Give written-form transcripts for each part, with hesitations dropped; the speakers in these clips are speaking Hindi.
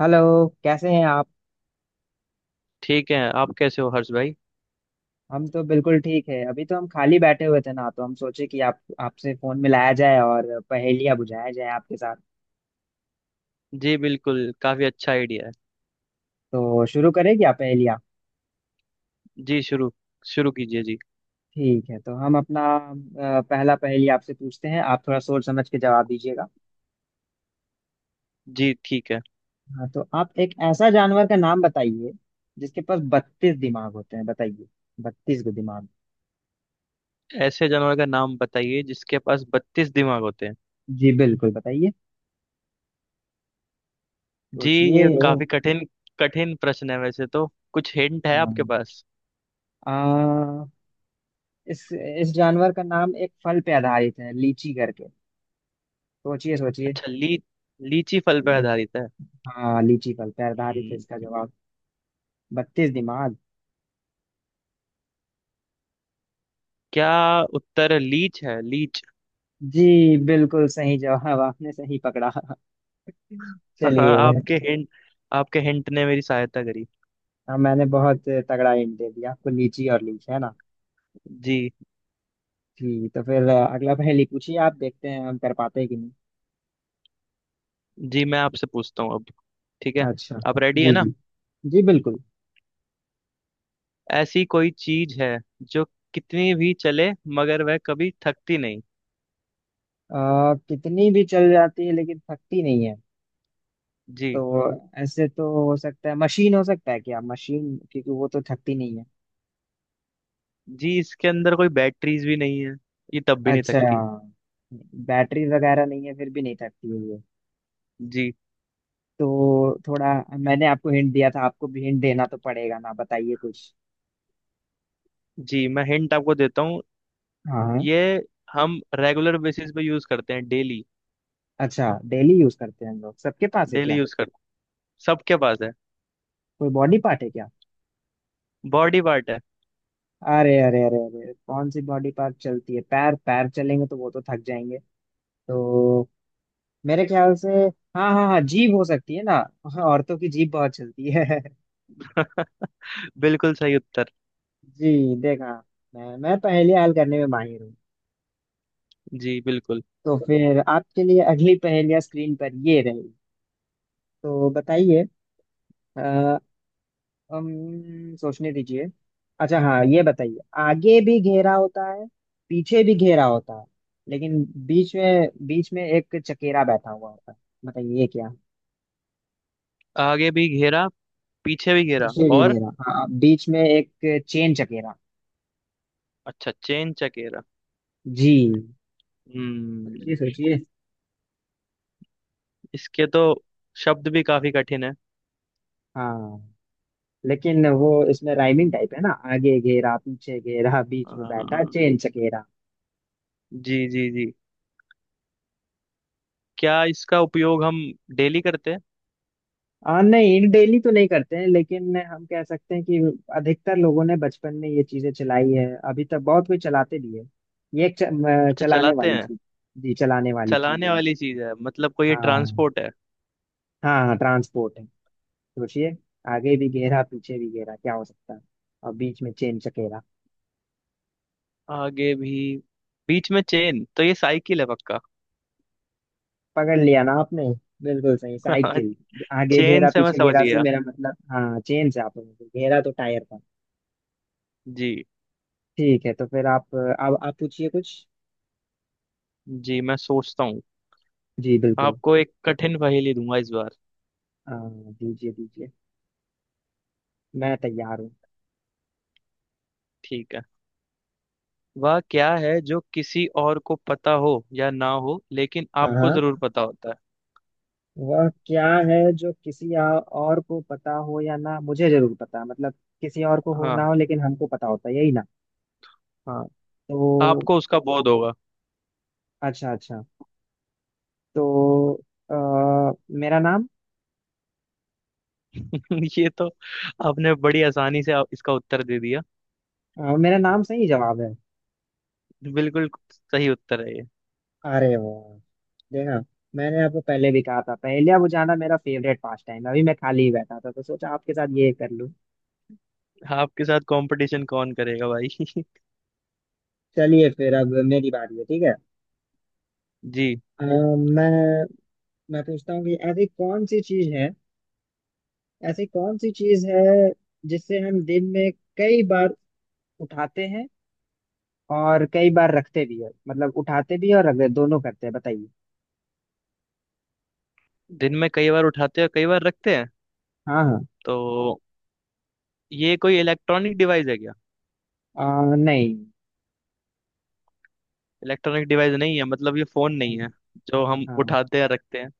हेलो, कैसे हैं आप। ठीक है। आप कैसे हो हर्ष भाई? हम तो बिल्कुल ठीक है, अभी तो हम खाली बैठे हुए थे ना, तो हम सोचे कि आप आपसे फोन मिलाया जाए और पहेलियाँ बुझाया जाए आपके साथ। जी बिल्कुल, काफी अच्छा आइडिया है। तो शुरू करें क्या पहेलियाँ। जी शुरू, शुरू कीजिए जी। ठीक है, तो हम अपना पहला पहेली आपसे पूछते हैं, आप थोड़ा सोच समझ के जवाब दीजिएगा। जी ठीक है। हाँ, तो आप एक ऐसा जानवर का नाम बताइए जिसके पास 32 दिमाग होते हैं, बताइए। 32 गो दिमाग। ऐसे जानवर का नाम बताइए जिसके पास 32 दिमाग होते हैं? जी, बिल्कुल बताइए, जी, सोचिए। ये काफी कठिन कठिन प्रश्न है वैसे तो। कुछ हिंट है हाँ, आपके पास? आ, इस जानवर का नाम एक फल पे आधारित है, लीची करके। सोचिए सोचिए। अच्छा, ली लीची फल पर आधारित है। हाँ, लीची फल पे आधारित है इसका हम्म, जवाब। 32 दिमाग। क्या उत्तर लीच है, लीच? जी बिल्कुल, सही जवाब, आपने सही पकड़ा। चलिए। आपके हिंट, आपके हिंट ने मेरी सहायता करी। हाँ, मैंने बहुत तगड़ा हिंट दे दिया आपको, लीची और लीच, है ना। जी। जी, तो फिर अगला पहेली पूछिए, आप देखते हैं हम कर पाते हैं कि नहीं। जी मैं आपसे पूछता हूँ अब। ठीक है। अच्छा। आप रेडी है जी ना? जी। जी बिल्कुल। ऐसी कोई चीज है जो कितनी भी चले मगर वह कभी थकती नहीं। कितनी भी चल जाती है लेकिन थकती नहीं है। जी। तो ऐसे तो हो सकता है मशीन, हो सकता है क्या मशीन, क्योंकि वो तो थकती नहीं है। जी इसके अंदर कोई बैटरीज भी नहीं है, ये तब भी नहीं अच्छा, थकती। बैटरी वगैरह नहीं है फिर भी नहीं थकती है ये। जी। तो थोड़ा, मैंने आपको हिंट दिया था, आपको भी हिंट देना तो पड़ेगा ना, बताइए कुछ। जी मैं हिंट आपको देता हूँ। हाँ हाँ। ये हम रेगुलर बेसिस पे यूज करते हैं डेली। अच्छा, डेली यूज करते हैं हम लोग, सबके पास है डेली क्या। यूज करते हैं। सबके पास है। कोई बॉडी पार्ट है क्या। बॉडी पार्ट है। अरे अरे अरे अरे, कौन सी बॉडी पार्ट चलती है, पैर पैर चलेंगे तो वो तो थक जाएंगे। तो मेरे ख्याल से, हाँ हाँ हाँ, जीभ हो सकती है ना। हाँ, औरतों की जीभ बहुत चलती है। बिल्कुल सही उत्तर। जी, देखा, मैं पहेली हल करने में माहिर हूँ। जी बिल्कुल। तो फिर आपके लिए अगली पहेलियां स्क्रीन पर ये रही, तो बताइए। अ, सोचने दीजिए। अच्छा हाँ, ये बताइए, आगे भी घेरा होता है, पीछे भी घेरा होता है, लेकिन बीच में एक चकेरा बैठा हुआ होता है, बताइए ये क्या। आगे भी घेरा, पीछे भी घेरा पीछे भी और घेरा, हाँ, बीच में एक चेन चकेरा। अच्छा चेन चकेरा। जी, हम्म। सोचिए सोचिए। इसके तो शब्द भी काफी कठिन है। हाँ, लेकिन वो इसमें राइमिंग हम्म। टाइप है ना, आगे घेरा पीछे घेरा बीच में बैठा हाँ। चेन चकेरा। जी जी जी। क्या इसका उपयोग हम डेली करते हैं? नहीं, डेली तो नहीं करते हैं लेकिन हम कह सकते हैं कि अधिकतर लोगों ने बचपन में ये चीजें चलाई है, अभी तक बहुत कोई चलाते भी है। ये एक अच्छा, चलाने चलाते वाली हैं। चीज। जी, चलाने वाली चीज है चलाने ये। वाली चीज है मतलब कोई ये हाँ ट्रांसपोर्ट है? हाँ, हाँ ट्रांसपोर्ट है। सोचिए। आगे भी घेरा पीछे भी घेरा क्या हो सकता है, और बीच में चेन चकेरा। आगे भी बीच में चेन, तो ये साइकिल है पक्का। पकड़ लिया ना आपने। बिल्कुल सही, साइकिल। आगे चेन घेरा से मैं पीछे समझ घेरा से गया। मेरा मतलब, हाँ, चेन से, आप घेरा तो टायर था। जी। ठीक है, तो फिर आप अब आप पूछिए कुछ। जी मैं सोचता हूँ। जी बिल्कुल। आपको एक कठिन पहेली दूंगा इस बार। हाँ, दीजिए दीजिए, मैं तैयार हूँ। ठीक है। वह क्या है जो किसी और को पता हो या ना हो लेकिन आपको हाँ, जरूर पता होता है? वह क्या है जो किसी और को पता हो या ना, मुझे जरूर पता, मतलब किसी और को हो ना हाँ हो लेकिन हमको पता होता है, यही ना। हाँ। तो आपको उसका बोध होगा। अच्छा अच्छा। तो आ, मेरा नाम। ये तो आपने बड़ी आसानी से इसका उत्तर दे दिया। मेरा नाम सही जवाब है। बिल्कुल सही उत्तर है ये। अरे वाह, देखा। मैंने आपको पहले भी कहा था, पहले बुझाना मेरा फेवरेट पास टाइम है, अभी मैं खाली ही बैठा था तो सोचा आपके साथ ये कर लूं। आपके साथ कंपटीशन कौन करेगा भाई? चलिए फिर, अब मेरी बारी है, ठीक है। जी। अ, मैं मैं पूछता हूँ कि ऐसी कौन सी चीज है, ऐसी कौन सी चीज है जिसे हम दिन में कई बार उठाते हैं और कई बार रखते भी है, मतलब उठाते भी है और दोनों करते हैं, बताइए। दिन में कई बार उठाते हैं, कई बार रखते हैं। हाँ हाँ। तो ये कोई इलेक्ट्रॉनिक डिवाइस है क्या? नहीं। इलेक्ट्रॉनिक डिवाइस नहीं है मतलब ये फोन नहीं नहीं। है जो हम हाँ। उठाते हैं रखते हैं?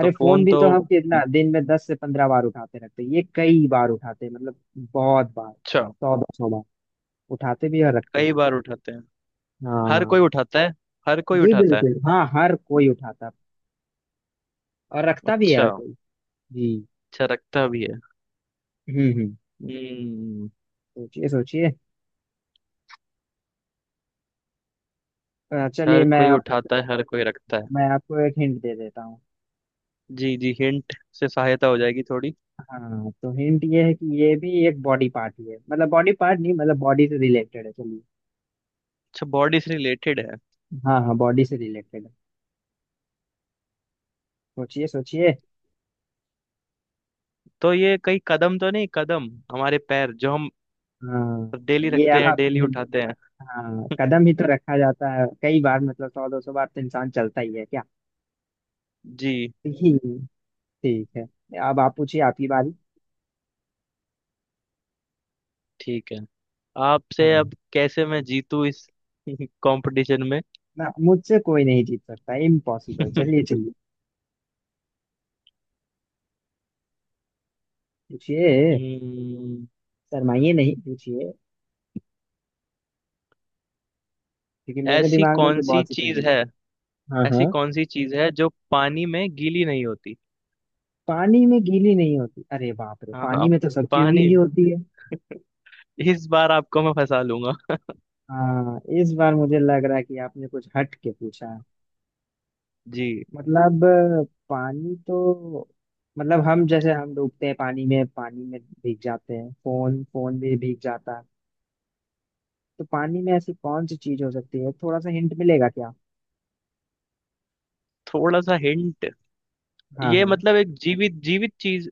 तो फोन फोन भी तो तो हम कितना दिन में 10 से 15 बार उठाते रखते हैं, ये कई बार उठाते हैं मतलब बहुत बार, अच्छा। 100-200 बार, उठाते भी है और रखते कई भी। बार उठाते हैं। हर कोई हाँ। उठाता है, हर कोई जी उठाता है। बिल्कुल, हाँ, हर कोई उठाता और रखता भी है अच्छा, हर कोई। जी। अच्छा रखता भी है। हम्म। हम्म। सोचिए सोचिए। चलिए, हर मैं कोई आप उठाता है, हर कोई रखता है। मैं आपको एक हिंट दे देता हूँ। जी। जी हिंट से सहायता हो जाएगी थोड़ी। हाँ, तो हिंट ये है कि ये भी एक बॉडी पार्ट ही है, मतलब बॉडी पार्ट नहीं, मतलब बॉडी से रिलेटेड है। चलिए। अच्छा बॉडी से रिलेटेड है। हाँ हाँ, बॉडी से रिलेटेड है। सोचिए सोचिए। तो ये कई कदम तो नहीं, कदम, हमारे पैर जो हम हाँ, डेली ये रखते हैं डेली आपने, उठाते हैं। हाँ, कदम ही तो रखा जाता है कई बार, मतलब 100-200 बार तो इंसान चलता ही है क्या। जी ठीक। ठीक है, अब आप पूछिए, आपकी बारी। ठीक है। आपसे हाँ। अब कैसे मैं जीतूं इस कंपटीशन में? ना, मुझसे कोई नहीं जीत सकता, इम्पॉसिबल। चलिए चलिए, पूछिए। हम्म। शर्माइए नहीं, पूछिए, क्योंकि मेरे ऐसी दिमाग में तो कौन सी बहुत सी चीज पहेली है, है। हाँ ऐसी हाँ। कौन सी चीज है जो पानी में गीली नहीं होती? पानी में गीली नहीं होती, अरे बाप रे, हाँ हाँ। पानी में तो सब्जी पानी, गीली होती है। इस बार आपको मैं फंसा लूंगा। हाँ, इस बार मुझे लग रहा है कि आपने कुछ हट के पूछा है। जी। मतलब पानी तो, मतलब हम जैसे, हम डूबते हैं पानी में, पानी में भीग जाते हैं, फोन फोन भी भीग जाता है। तो पानी में ऐसी कौन सी चीज हो सकती है, थोड़ा सा हिंट मिलेगा क्या। थोड़ा सा हिंट, हाँ ये हाँ। मतलब एक जीवित जीवित चीज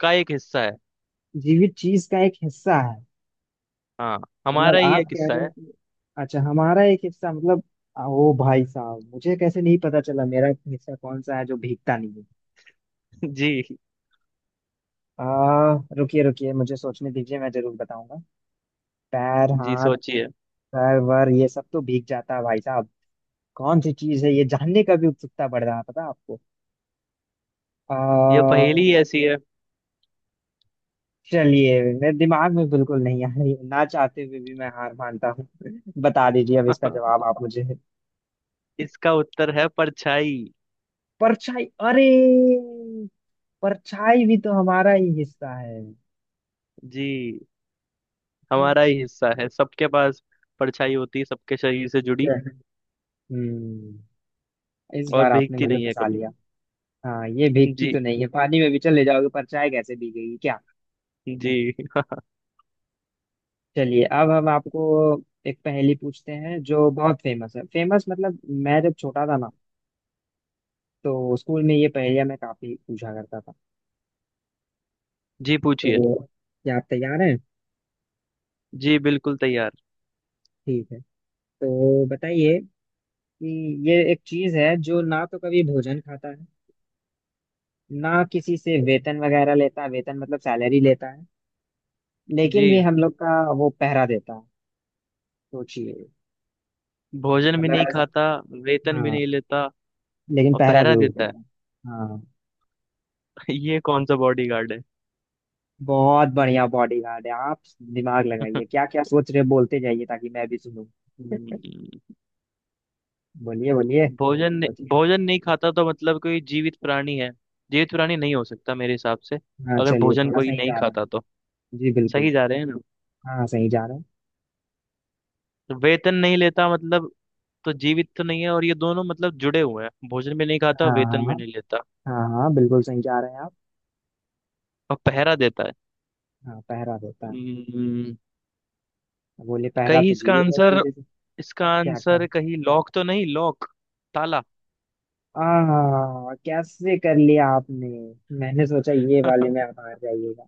का एक हिस्सा है। जीवित चीज का एक हिस्सा है। हाँ, मतलब हमारा ही आप एक कह हिस्सा रहे हैं है। कि, अच्छा, हमारा एक हिस्सा, मतलब ओ भाई साहब, मुझे कैसे नहीं पता चला मेरा हिस्सा कौन सा है जो भीगता नहीं है। जी। आ, रुकिए रुकिए, मुझे सोचने दीजिए, मैं जरूर बताऊंगा। पैर, जी हाथ, सोचिए। सर वर, ये सब तो भीग जाता है भाई साहब। कौन सी चीज है ये जानने का भी उत्सुकता बढ़ रहा है, पता है आपको। आ, ये पहेली ऐसी है। चलिए, मेरे दिमाग में बिल्कुल नहीं आ रही, ना चाहते हुए भी मैं हार मानता हूँ, बता दीजिए अब इसका जवाब आप मुझे। इसका उत्तर है परछाई। परछाई, अरे, परछाई भी तो हमारा ही हिस्सा है। जी। हमारा ही हिस्सा है, सबके पास परछाई होती है सबके शरीर से जुड़ी। हम्म इस और बार आपने भीगती मुझे नहीं है फंसा कभी। लिया। हाँ, ये भीगती तो जी। नहीं है, पानी में भी चले जाओगे परछाई कैसे भीगेगी क्या। जी। चलिए, अब हम आपको एक पहेली पूछते हैं जो बहुत फेमस है, फेमस मतलब मैं जब छोटा था ना, तो स्कूल में ये पहेलियां मैं काफी पूछा करता था। जी पूछिए। तो क्या आप तैयार हैं। जी बिल्कुल तैयार। ठीक है, तो बताइए कि ये एक चीज है जो ना तो कभी भोजन खाता है, ना किसी से वेतन वगैरह लेता है, वेतन मतलब सैलरी लेता है, लेकिन जी। भी हम लोग का वो पहरा देता है। सोचिए। भोजन भी मतलब नहीं ऐसा, खाता, वेतन भी हाँ, नहीं लेता लेकिन और पहरा पहरा जरूर देता है। देता है। हाँ, ये कौन सा बॉडी गार्ड है? बहुत बढ़िया बॉडीगार्ड है आप। दिमाग लगाइए, क्या क्या सोच रहे हैं, बोलते जाइए ताकि मैं भी सुनूं। हम्म। बोलिए बोलिए, सोचिए। भोजन नहीं खाता तो मतलब कोई जीवित प्राणी है, जीवित प्राणी नहीं हो सकता मेरे हिसाब से। हाँ, अगर चलिए, भोजन थोड़ा कोई सही नहीं जा रहे खाता हैं। तो जी बिल्कुल। सही जा रहे हैं ना? हाँ, सही जा रहे हैं। वेतन नहीं लेता मतलब तो जीवित तो नहीं है और ये दोनों मतलब जुड़े हुए हैं, भोजन भी नहीं खाता हाँ हाँ वेतन हाँ, भी नहीं लेता। हाँ हाँ, बिल्कुल सही जा रहे हैं आप। और पहरा देता है। हाँ, पहरा देता है, हम्म। बोले पहरा कहीं तो इसका जीवित व्यक्ति आंसर देते। इसका क्या क्या। आंसर कहीं लॉक तो नहीं, लॉक, ताला। आ कैसे कर लिया आपने। मैंने सोचा ये वाले में आप हार जाइएगा।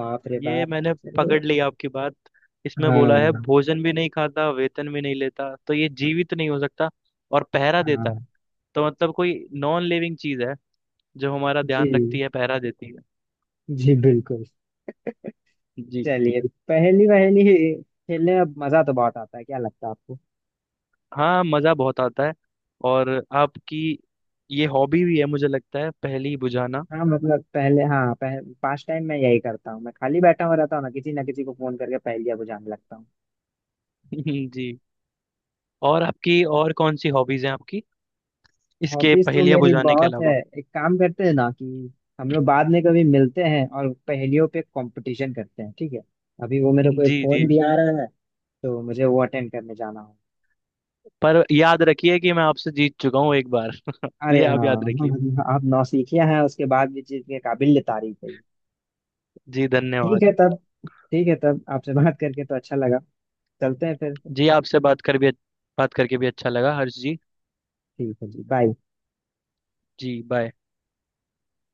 बाप रे ये बाप। मैंने चलिए। पकड़ ली आपकी बात। इसमें बोला है हाँ भोजन भी नहीं खाता वेतन भी नहीं लेता तो ये जीवित नहीं हो सकता। और पहरा देता है। हाँ। तो मतलब कोई नॉन लिविंग चीज है जो हमारा ध्यान जी रखती है, पहरा देती है। जी बिल्कुल। जी। चलिए, पहली पहली खेलने में मजा तो बहुत आता है, क्या लगता है आपको। हाँ, मज़ा बहुत आता है। और आपकी ये हॉबी भी है मुझे लगता है, पहेली बुझाना। हाँ, मतलब पहले, हाँ, पास टाइम मैं यही करता हूँ, मैं खाली बैठा हुआ रहता हूँ ना, किसी ना किसी को फोन करके पहेलियाँ बुझाने लगता हूँ। जी। और आपकी, और कौन सी हॉबीज हैं आपकी इसके हॉबीज तो पहेलियाँ मेरी बुझाने के बहुत है। अलावा? एक काम करते हैं ना, कि हम लोग बाद में कभी मिलते हैं और पहेलियों पे कंपटीशन करते हैं, ठीक है। अभी वो मेरे को एक जी। फोन जी। भी आ रहा है, तो मुझे वो अटेंड करने जाना हो। पर याद रखिए कि मैं आपसे जीत चुका हूँ एक बार। अरे ये आप याद रखिए। हाँ, आप नौसिखिया हैं, उसके बाद भी चीज के काबिल तारीफ है। जी ठीक धन्यवाद। है तब ठीक है तब आपसे बात करके तो अच्छा लगा, चलते हैं फिर। जी आपसे बात कर भी, बात करके भी अच्छा लगा हर्ष जी। ठीक है जी, बाय। जी बाय।